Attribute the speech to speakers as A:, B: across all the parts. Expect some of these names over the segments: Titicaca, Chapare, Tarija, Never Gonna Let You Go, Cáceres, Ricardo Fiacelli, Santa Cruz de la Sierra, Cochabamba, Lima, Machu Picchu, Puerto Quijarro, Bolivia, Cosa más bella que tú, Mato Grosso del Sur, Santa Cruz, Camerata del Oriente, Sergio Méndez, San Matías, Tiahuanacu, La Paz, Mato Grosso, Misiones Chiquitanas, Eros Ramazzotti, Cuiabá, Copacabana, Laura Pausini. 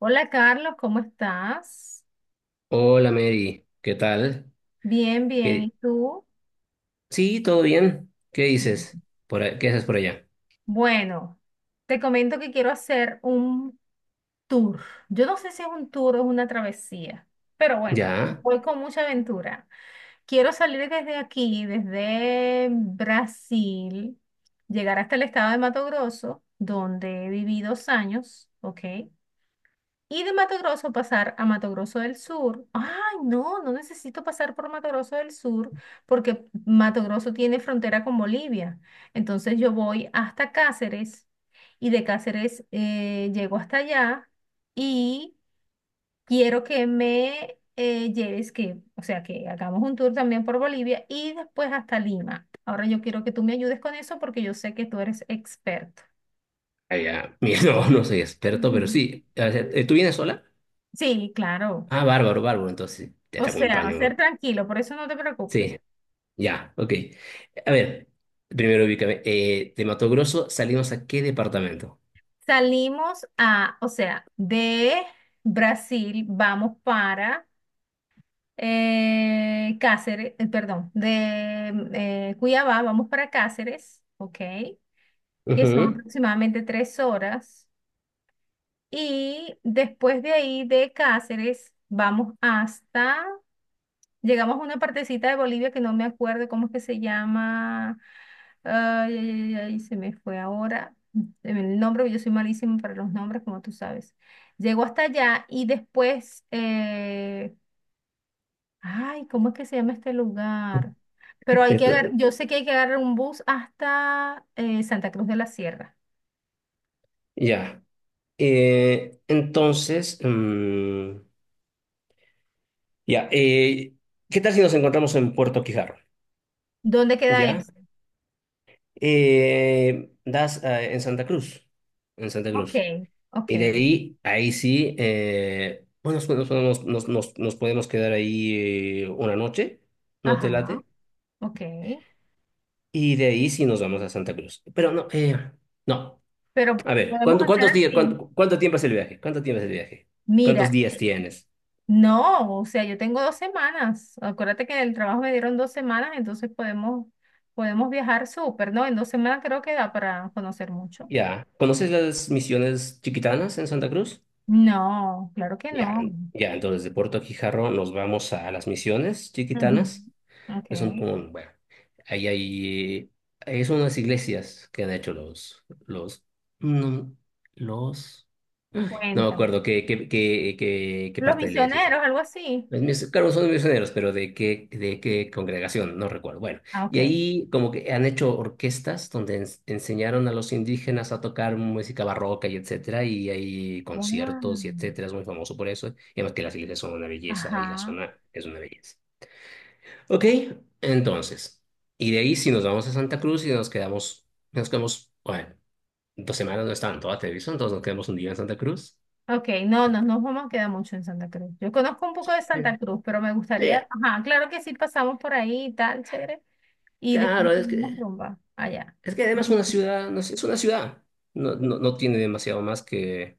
A: Hola Carlos, ¿cómo estás?
B: Hola Mary, ¿qué tal?
A: Bien, bien.
B: ¿Qué-
A: ¿Y tú?
B: Sí, todo bien. ¿Qué dices? ¿Qué haces por allá?
A: Bueno, te comento que quiero hacer un tour. Yo no sé si es un tour o es una travesía, pero bueno,
B: Ya,
A: voy con mucha aventura. Quiero salir desde aquí, desde Brasil, llegar hasta el estado de Mato Grosso, donde viví 2 años, ¿ok? Y de Mato Grosso pasar a Mato Grosso del Sur. Ay, no, no necesito pasar por Mato Grosso del Sur porque Mato Grosso tiene frontera con Bolivia. Entonces yo voy hasta Cáceres y de Cáceres llego hasta allá y quiero que me lleves, que, o sea, que hagamos un tour también por Bolivia y después hasta Lima. Ahora yo quiero que tú me ayudes con eso porque yo sé que tú eres experto.
B: allá. Mira, no, no soy experto, pero sí. O sea, ¿tú vienes sola?
A: Sí, claro.
B: Ah, bárbaro, bárbaro. Entonces, te
A: O
B: te
A: sea, ser
B: acompaño.
A: tranquilo, por eso no te preocupes.
B: Sí, ya, ok. A ver, primero ubícame. ¿De Mato Grosso salimos a qué departamento?
A: Salimos a, o sea, de Brasil vamos para Cáceres, perdón, de Cuiabá vamos para Cáceres, ¿ok? Que son
B: Ujú.
A: aproximadamente 3 horas. Y después de ahí de Cáceres vamos hasta. Llegamos a una partecita de Bolivia que no me acuerdo cómo es que se llama. Ay, ay, ay, ay, se me fue ahora. El nombre, porque yo soy malísimo para los nombres, como tú sabes. Llego hasta allá y después, ay, ¿cómo es que se llama este lugar? Pero hay que
B: Esto-
A: agarrar, yo sé que hay que agarrar un bus hasta Santa Cruz de la Sierra.
B: Ya. Entonces, ya. ¿Qué tal si nos encontramos en Puerto Quijarro?
A: ¿Dónde queda
B: ¿Ya?
A: eso?
B: Das en Santa Cruz, en Santa
A: Ok,
B: Cruz.
A: ok,
B: Y de ahí, ahí sí, bueno, nosotros nos podemos quedar ahí una noche, ¿no
A: ajá,
B: te late?
A: ok.
B: Y de ahí sí nos vamos a Santa Cruz. Pero no, no.
A: Pero
B: A ver,
A: podemos hacer
B: ¿cuántos días,
A: así.
B: cuánto tiempo es el viaje? ¿Cuánto tiempo es el viaje? ¿Cuántos
A: Mira,
B: días tienes?
A: no, o sea, yo tengo 2 semanas. Acuérdate que en el trabajo me dieron 2 semanas, entonces podemos viajar súper, ¿no? En 2 semanas creo que da para conocer mucho.
B: Ya. ¿Conoces las misiones chiquitanas en Santa Cruz?
A: No, claro que
B: Ya,
A: no.
B: ya, entonces de Puerto Quijarro nos vamos a las Misiones
A: Ujú.
B: Chiquitanas,
A: Ok,
B: que son como, bueno, ahí hay, ahí son unas iglesias que han hecho no, los, no me acuerdo
A: cuéntame.
B: qué
A: Los
B: parte de la iglesia.
A: misioneros, algo así.
B: Claro, son misioneros, pero de qué congregación, no recuerdo. Bueno,
A: Ah,
B: y
A: ok.
B: ahí como que han hecho orquestas donde enseñaron a los indígenas a tocar música barroca y etcétera, y hay conciertos y
A: Wow.
B: etcétera, es muy famoso por eso. Y además que las iglesias son una belleza y la
A: Ajá.
B: zona es una belleza. Ok, entonces, y de ahí si nos vamos a Santa Cruz y nos quedamos, bueno, dos semanas no es todas, ¿ah? Te aviso, entonces nos quedamos un día en Santa Cruz.
A: Ok, no, no nos vamos a quedar mucho en Santa Cruz. Yo conozco un poco de
B: Sí.
A: Santa Cruz, pero me
B: Sí,
A: gustaría, ajá, claro que sí pasamos por ahí y tal, chévere. Y después
B: claro, es
A: seguimos
B: que...
A: rumba allá.
B: Es que además una ciudad, no sé, es una ciudad, no tiene demasiado más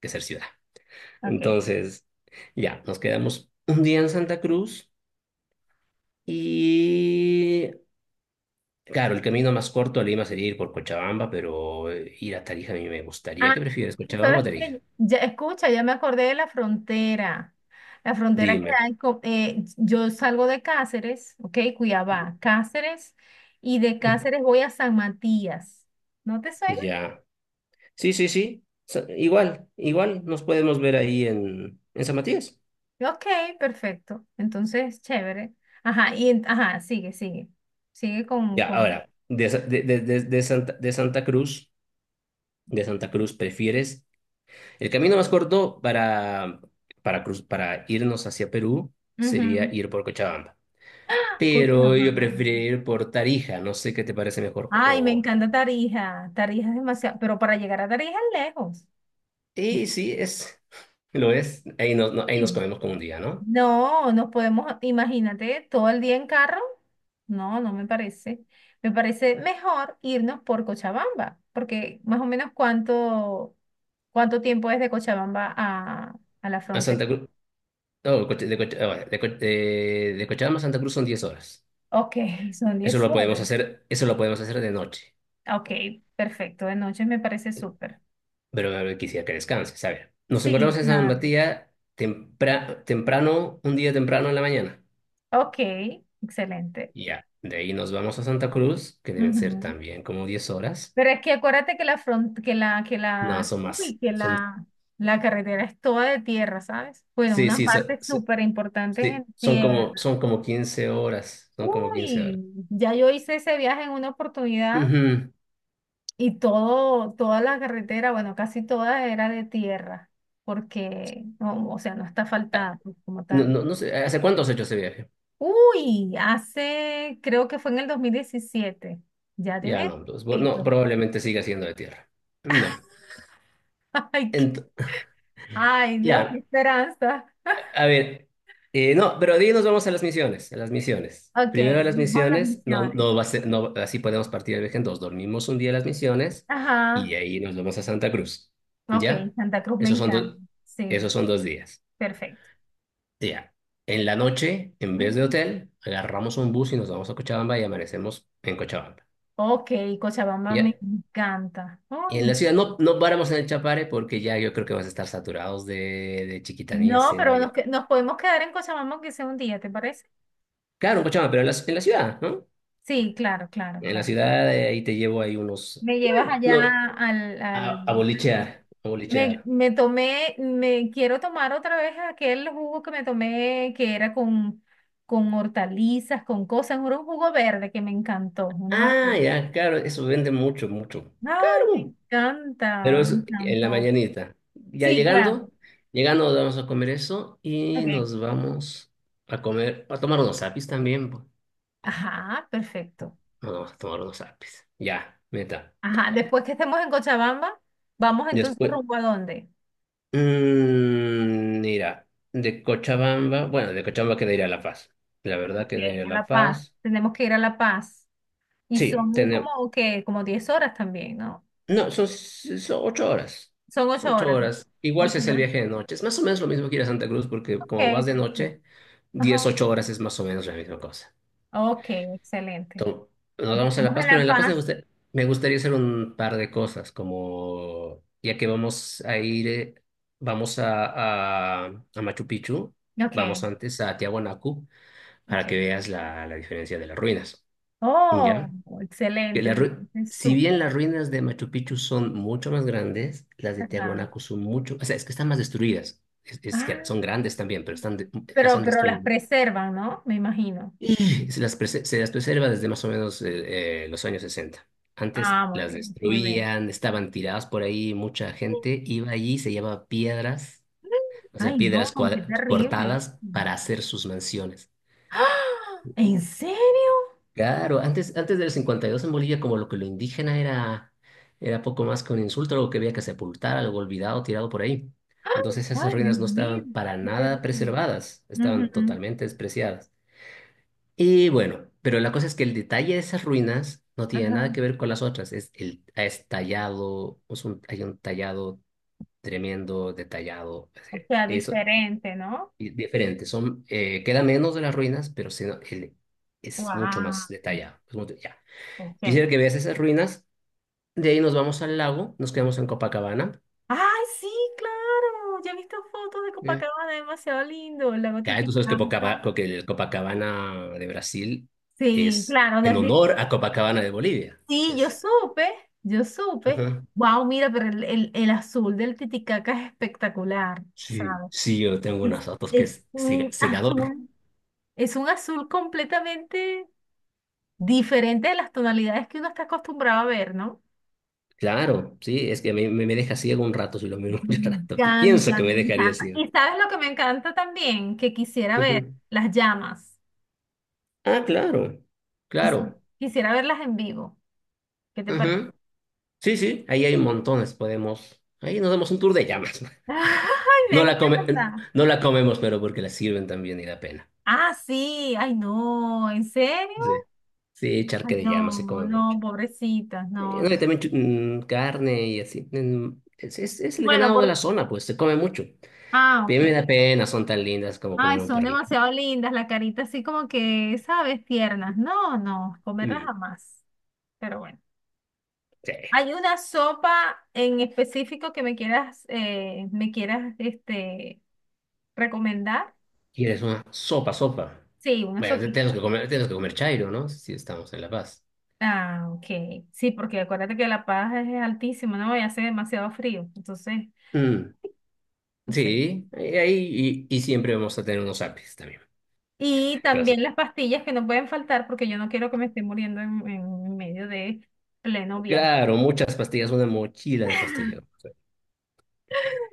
B: que ser ciudad.
A: Ok.
B: Entonces, ya, nos quedamos un día en Santa Cruz y, claro, el camino más corto a Lima sería ir por Cochabamba, pero ir a Tarija a mí me gustaría.
A: Ah,
B: ¿Qué prefieres,
A: tú
B: Cochabamba o
A: sabes
B: Tarija?
A: que ya escucha, ya me acordé de la frontera. La frontera que
B: Dime.
A: hay, yo salgo de Cáceres, ok, Cuiabá, Cáceres, y de Cáceres voy a San Matías. ¿No te suena?
B: Ya. Sí, sí, sí. Igual, igual nos podemos ver ahí en San Matías.
A: Ok, perfecto. Entonces, chévere. Ajá, y ajá, sigue, sigue. Sigue con,
B: Ya,
A: con.
B: ahora, de, Sa- de Santa Cruz, ¿prefieres? El camino más corto para irnos hacia Perú
A: Ujú.
B: sería ir por Cochabamba. Pero yo
A: Cuiabá.
B: preferiría ir por Tarija, no sé qué te parece mejor.
A: Ay, me
B: O...
A: encanta Tarija. Tarija es demasiado, pero para llegar a Tarija es lejos.
B: Sí, sí, es, lo es. Ahí nos, no- Ahí nos
A: Sí.
B: comemos con un día, ¿no?
A: No, nos podemos, imagínate, todo el día en carro. No, no me parece. Me parece mejor irnos por Cochabamba, porque más o menos cuánto tiempo es de Cochabamba a la
B: A
A: frontera.
B: Santa Cruz. No, bueno, de Cochabamba a Santa Cruz son 10 horas.
A: Ok, son
B: Eso
A: 10
B: lo podemos
A: horas.
B: hacer, eso lo podemos hacer de noche.
A: Ok, perfecto, de noche me parece súper.
B: Pero quisiera que descanses, ¿sabes? Nos
A: Sí,
B: encontramos en San
A: claro.
B: Matías temprano, un día temprano en la mañana.
A: Ok, excelente.
B: Ya, de ahí nos vamos a Santa Cruz, que deben ser
A: Ujú.
B: también como 10 horas.
A: Pero es que acuérdate que la front, que
B: No,
A: la,
B: son más.
A: uy, que
B: Son,
A: la, la carretera es toda de tierra, ¿sabes? Bueno,
B: sí,
A: una
B: sí, so-
A: parte
B: sí,
A: súper importante es
B: sí,
A: en
B: Son como,
A: tierra.
B: son como 15 horas. Son como 15 horas.
A: Uy, ya yo hice ese viaje en una oportunidad
B: Ujú.
A: y todo, toda la carretera, bueno, casi toda era de tierra, porque, no, o sea, no está
B: Ah,
A: asfaltada pues, como
B: no,
A: tal.
B: no, no sé, ¿hace cuánto has hecho ese viaje?
A: Uy, hace, creo que fue en el 2017. Ya
B: Ya,
A: tiene
B: no, pues, bueno, no,
A: tiempo.
B: probablemente siga siendo de tierra. No.
A: Ay,
B: Ent-
A: ay, Dios, qué
B: ya,
A: esperanza.
B: a ver, no, pero de ahí nos vamos a las misiones, a las misiones.
A: Ok,
B: Primero a las
A: vamos a las
B: misiones, no,
A: misiones.
B: no va a ser, no, así podemos partir el viaje en dos. Dormimos un día a las misiones y
A: Ajá,
B: de ahí nos vamos a Santa Cruz.
A: ok,
B: ¿Ya?
A: Santa Cruz me
B: Esos son
A: encanta.
B: dos,
A: Sí,
B: esos son dos días.
A: perfecto.
B: Ya. En la noche, en vez de
A: Ujú.
B: hotel, agarramos un bus y nos vamos a Cochabamba y amanecemos en Cochabamba.
A: Ok, Cochabamba me
B: ¿Ya?
A: encanta.
B: Y
A: Uy,
B: en
A: me-
B: la ciudad no, no paramos en el Chapare porque ya yo creo que vamos a estar saturados de chiquitanías,
A: No,
B: selva
A: pero
B: y...
A: nos podemos quedar en Cochabamba aunque sea un día, ¿te parece?
B: Claro, en Cochabamba, pero en la ciudad, ¿no?
A: Sí, claro, claro,
B: En la
A: claro.
B: ciudad, ahí te llevo ahí unos,
A: Me llevas
B: no,
A: allá al.
B: a bolichear, a
A: Me,
B: bolichear.
A: me tomé, me quiero tomar otra vez aquel jugo que me tomé que era con, hortalizas, con cosas, era un jugo verde que me encantó, una
B: Ah,
A: maravilla.
B: ya, claro, eso vende mucho, mucho.
A: Ay, me
B: Claro, pero
A: encanta, me
B: es en la
A: encantó.
B: mañanita. Ya
A: Sí, claro.
B: llegando, llegando vamos a comer eso y
A: Okay.
B: nos vamos a comer, a tomar unos apis también. Po.
A: Ajá, perfecto.
B: Nos vamos a tomar unos apis. Ya, meta.
A: Ajá, después que estemos en Cochabamba, vamos entonces
B: Después,
A: rumbo a dónde?
B: mira, de Cochabamba, bueno, de Cochabamba queda ir a La Paz. La verdad
A: Ok,
B: queda ir a
A: a
B: La
A: La Paz.
B: Paz.
A: Tenemos que ir a La Paz. Y
B: Sí,
A: son como que como 10 horas también, ¿no?
B: No, son, s- son ocho horas.
A: Son ocho
B: Ocho
A: horas.
B: horas. Igual si
A: 8
B: es el
A: horas.
B: viaje de noche. Es más o menos lo mismo que ir a Santa Cruz, porque como
A: Ok,
B: vas de
A: perfecto.
B: noche, diez,
A: Ajá.
B: ocho horas es más o menos la misma cosa.
A: Ok, excelente.
B: Entonces, nos vamos a
A: Llegamos
B: La
A: a
B: Paz, pero
A: La
B: en La Paz me
A: Paz.
B: gusta- me gustaría hacer un par de cosas, como ya que vamos a ir, vamos a Machu Picchu,
A: Ok,
B: vamos antes a Tiahuanacu
A: ok.
B: para que veas la, la diferencia de las ruinas.
A: Oh,
B: ¿Ya? Que
A: excelente, me parece
B: si
A: súper.
B: bien las ruinas de Machu Picchu son mucho más grandes, las de
A: Ajá.
B: Tiahuanaco son mucho, o sea, es que están más destruidas. Es
A: Ah,
B: que son grandes también, pero las
A: pero,
B: han
A: pero las
B: destruido.
A: preservan, ¿no? Me imagino.
B: Y se las preserva desde más o menos los años 60. Antes
A: Ah, muy
B: las
A: bien, muy bien.
B: destruían, estaban tiradas por ahí, mucha gente iba allí, se llevaba piedras, o sea,
A: Ay, no, qué terrible.
B: cortadas para hacer sus mansiones.
A: ¡Ah! ¿En serio?
B: Claro, antes, antes del 52 en Bolivia como lo que lo indígena era poco más que un insulto, algo que había que sepultar, algo olvidado, tirado por ahí.
A: ¡Ah!
B: Entonces esas
A: Ay, Dios
B: ruinas no
A: mío,
B: estaban para
A: qué
B: nada
A: terrible.
B: preservadas, estaban
A: Ujú,
B: totalmente despreciadas. Y bueno, pero la cosa es que el detalle de esas ruinas no tiene nada
A: ajá.
B: que ver con las otras, es el es tallado, es un- hay un tallado tremendo, detallado,
A: O
B: así,
A: sea,
B: eso
A: diferente, ¿no?
B: y diferente, son, queda menos de las ruinas, es mucho más
A: Wow.
B: detallado. Ya.
A: Ok.
B: Quisiera que veas esas ruinas. De ahí nos vamos al lago, nos quedamos en Copacabana.
A: Ay, sí, claro. Ya he visto fotos de
B: Mm.
A: Copacabana, demasiado lindo. El lago
B: Acá tú sabes que,
A: Titicaca.
B: el Copacabana de Brasil
A: Sí,
B: es
A: claro,
B: en
A: desde.
B: honor a Copacabana de Bolivia.
A: Sí, yo
B: Es.
A: supe, yo supe.
B: Ajá.
A: Wow, mira, pero el azul del Titicaca es espectacular,
B: Sí,
A: ¿sabes?
B: sí, yo tengo unas
A: Es,
B: fotos que
A: es
B: es
A: un
B: cegador.
A: azul, es un azul completamente diferente de las tonalidades que uno está acostumbrado a ver, ¿no?
B: Claro, sí, es que me deja ciego un rato si lo miro
A: Me
B: mucho rato. Pienso
A: encanta,
B: que me
A: me
B: dejaría
A: encanta.
B: ciego.
A: ¿Y sabes lo que me encanta también? Que quisiera ver
B: Ujú.
A: las llamas.
B: Ah, claro,
A: Quis-
B: claro.
A: quisiera verlas en vivo. ¿Qué te parece?
B: Ajá. Sí, sí, ahí hay montones, podemos. Ahí nos damos un tour de llamas.
A: ¡Ay, me
B: No la come,
A: encanta!
B: no la comemos, pero porque la sirven también y da pena.
A: Ah, sí, ay no, ¿en serio?
B: Sí, sí,
A: Ay,
B: charque de llama se
A: no,
B: come
A: no,
B: mucho.
A: pobrecitas, no.
B: No,
A: No.
B: y también carne y así. Es el
A: Bueno,
B: ganado de la
A: por...
B: zona, pues se come mucho.
A: Ah,
B: Pero me
A: ok.
B: da pena, son tan lindas como
A: Ay,
B: comer un
A: son
B: perrito.
A: demasiado lindas, la carita así como que, ¿sabes? Tiernas. No, no, comerlas
B: Mm,
A: jamás. Pero bueno.
B: sí.
A: ¿Hay una sopa en específico que me quieras, recomendar?
B: ¿Quieres una sopa, sopa?
A: Sí, una
B: Bueno,
A: sopita.
B: tenemos que comer chairo, ¿no? Si estamos en La Paz.
A: Ah, ok. Sí, porque acuérdate que La Paz es altísima, ¿no? Y hace demasiado frío. Entonces,
B: Mm,
A: no sé.
B: sí, y siempre vamos a tener unos apis también.
A: Y
B: Claro,
A: también las pastillas que no pueden faltar porque yo no quiero que me esté muriendo en medio de pleno viaje.
B: claro, muchas pastillas, una mochila de pastillas.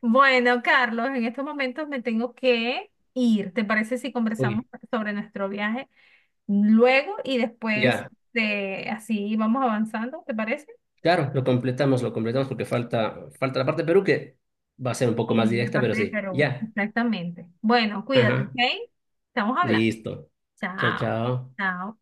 A: Bueno, Carlos, en estos momentos me tengo que ir. ¿Te parece si conversamos
B: Uy.
A: sobre nuestro viaje luego y después
B: Ya.
A: de así vamos avanzando? ¿Te parece?
B: Claro, lo completamos porque falta, falta la parte de Perú que va a ser un poco más
A: Y la
B: directa, pero
A: parte de
B: sí.
A: Perú,
B: Ya.
A: exactamente. Bueno, cuídate, ¿ok?
B: Ajá.
A: Estamos hablando.
B: Listo. Chao,
A: Chao,
B: chao.
A: chao.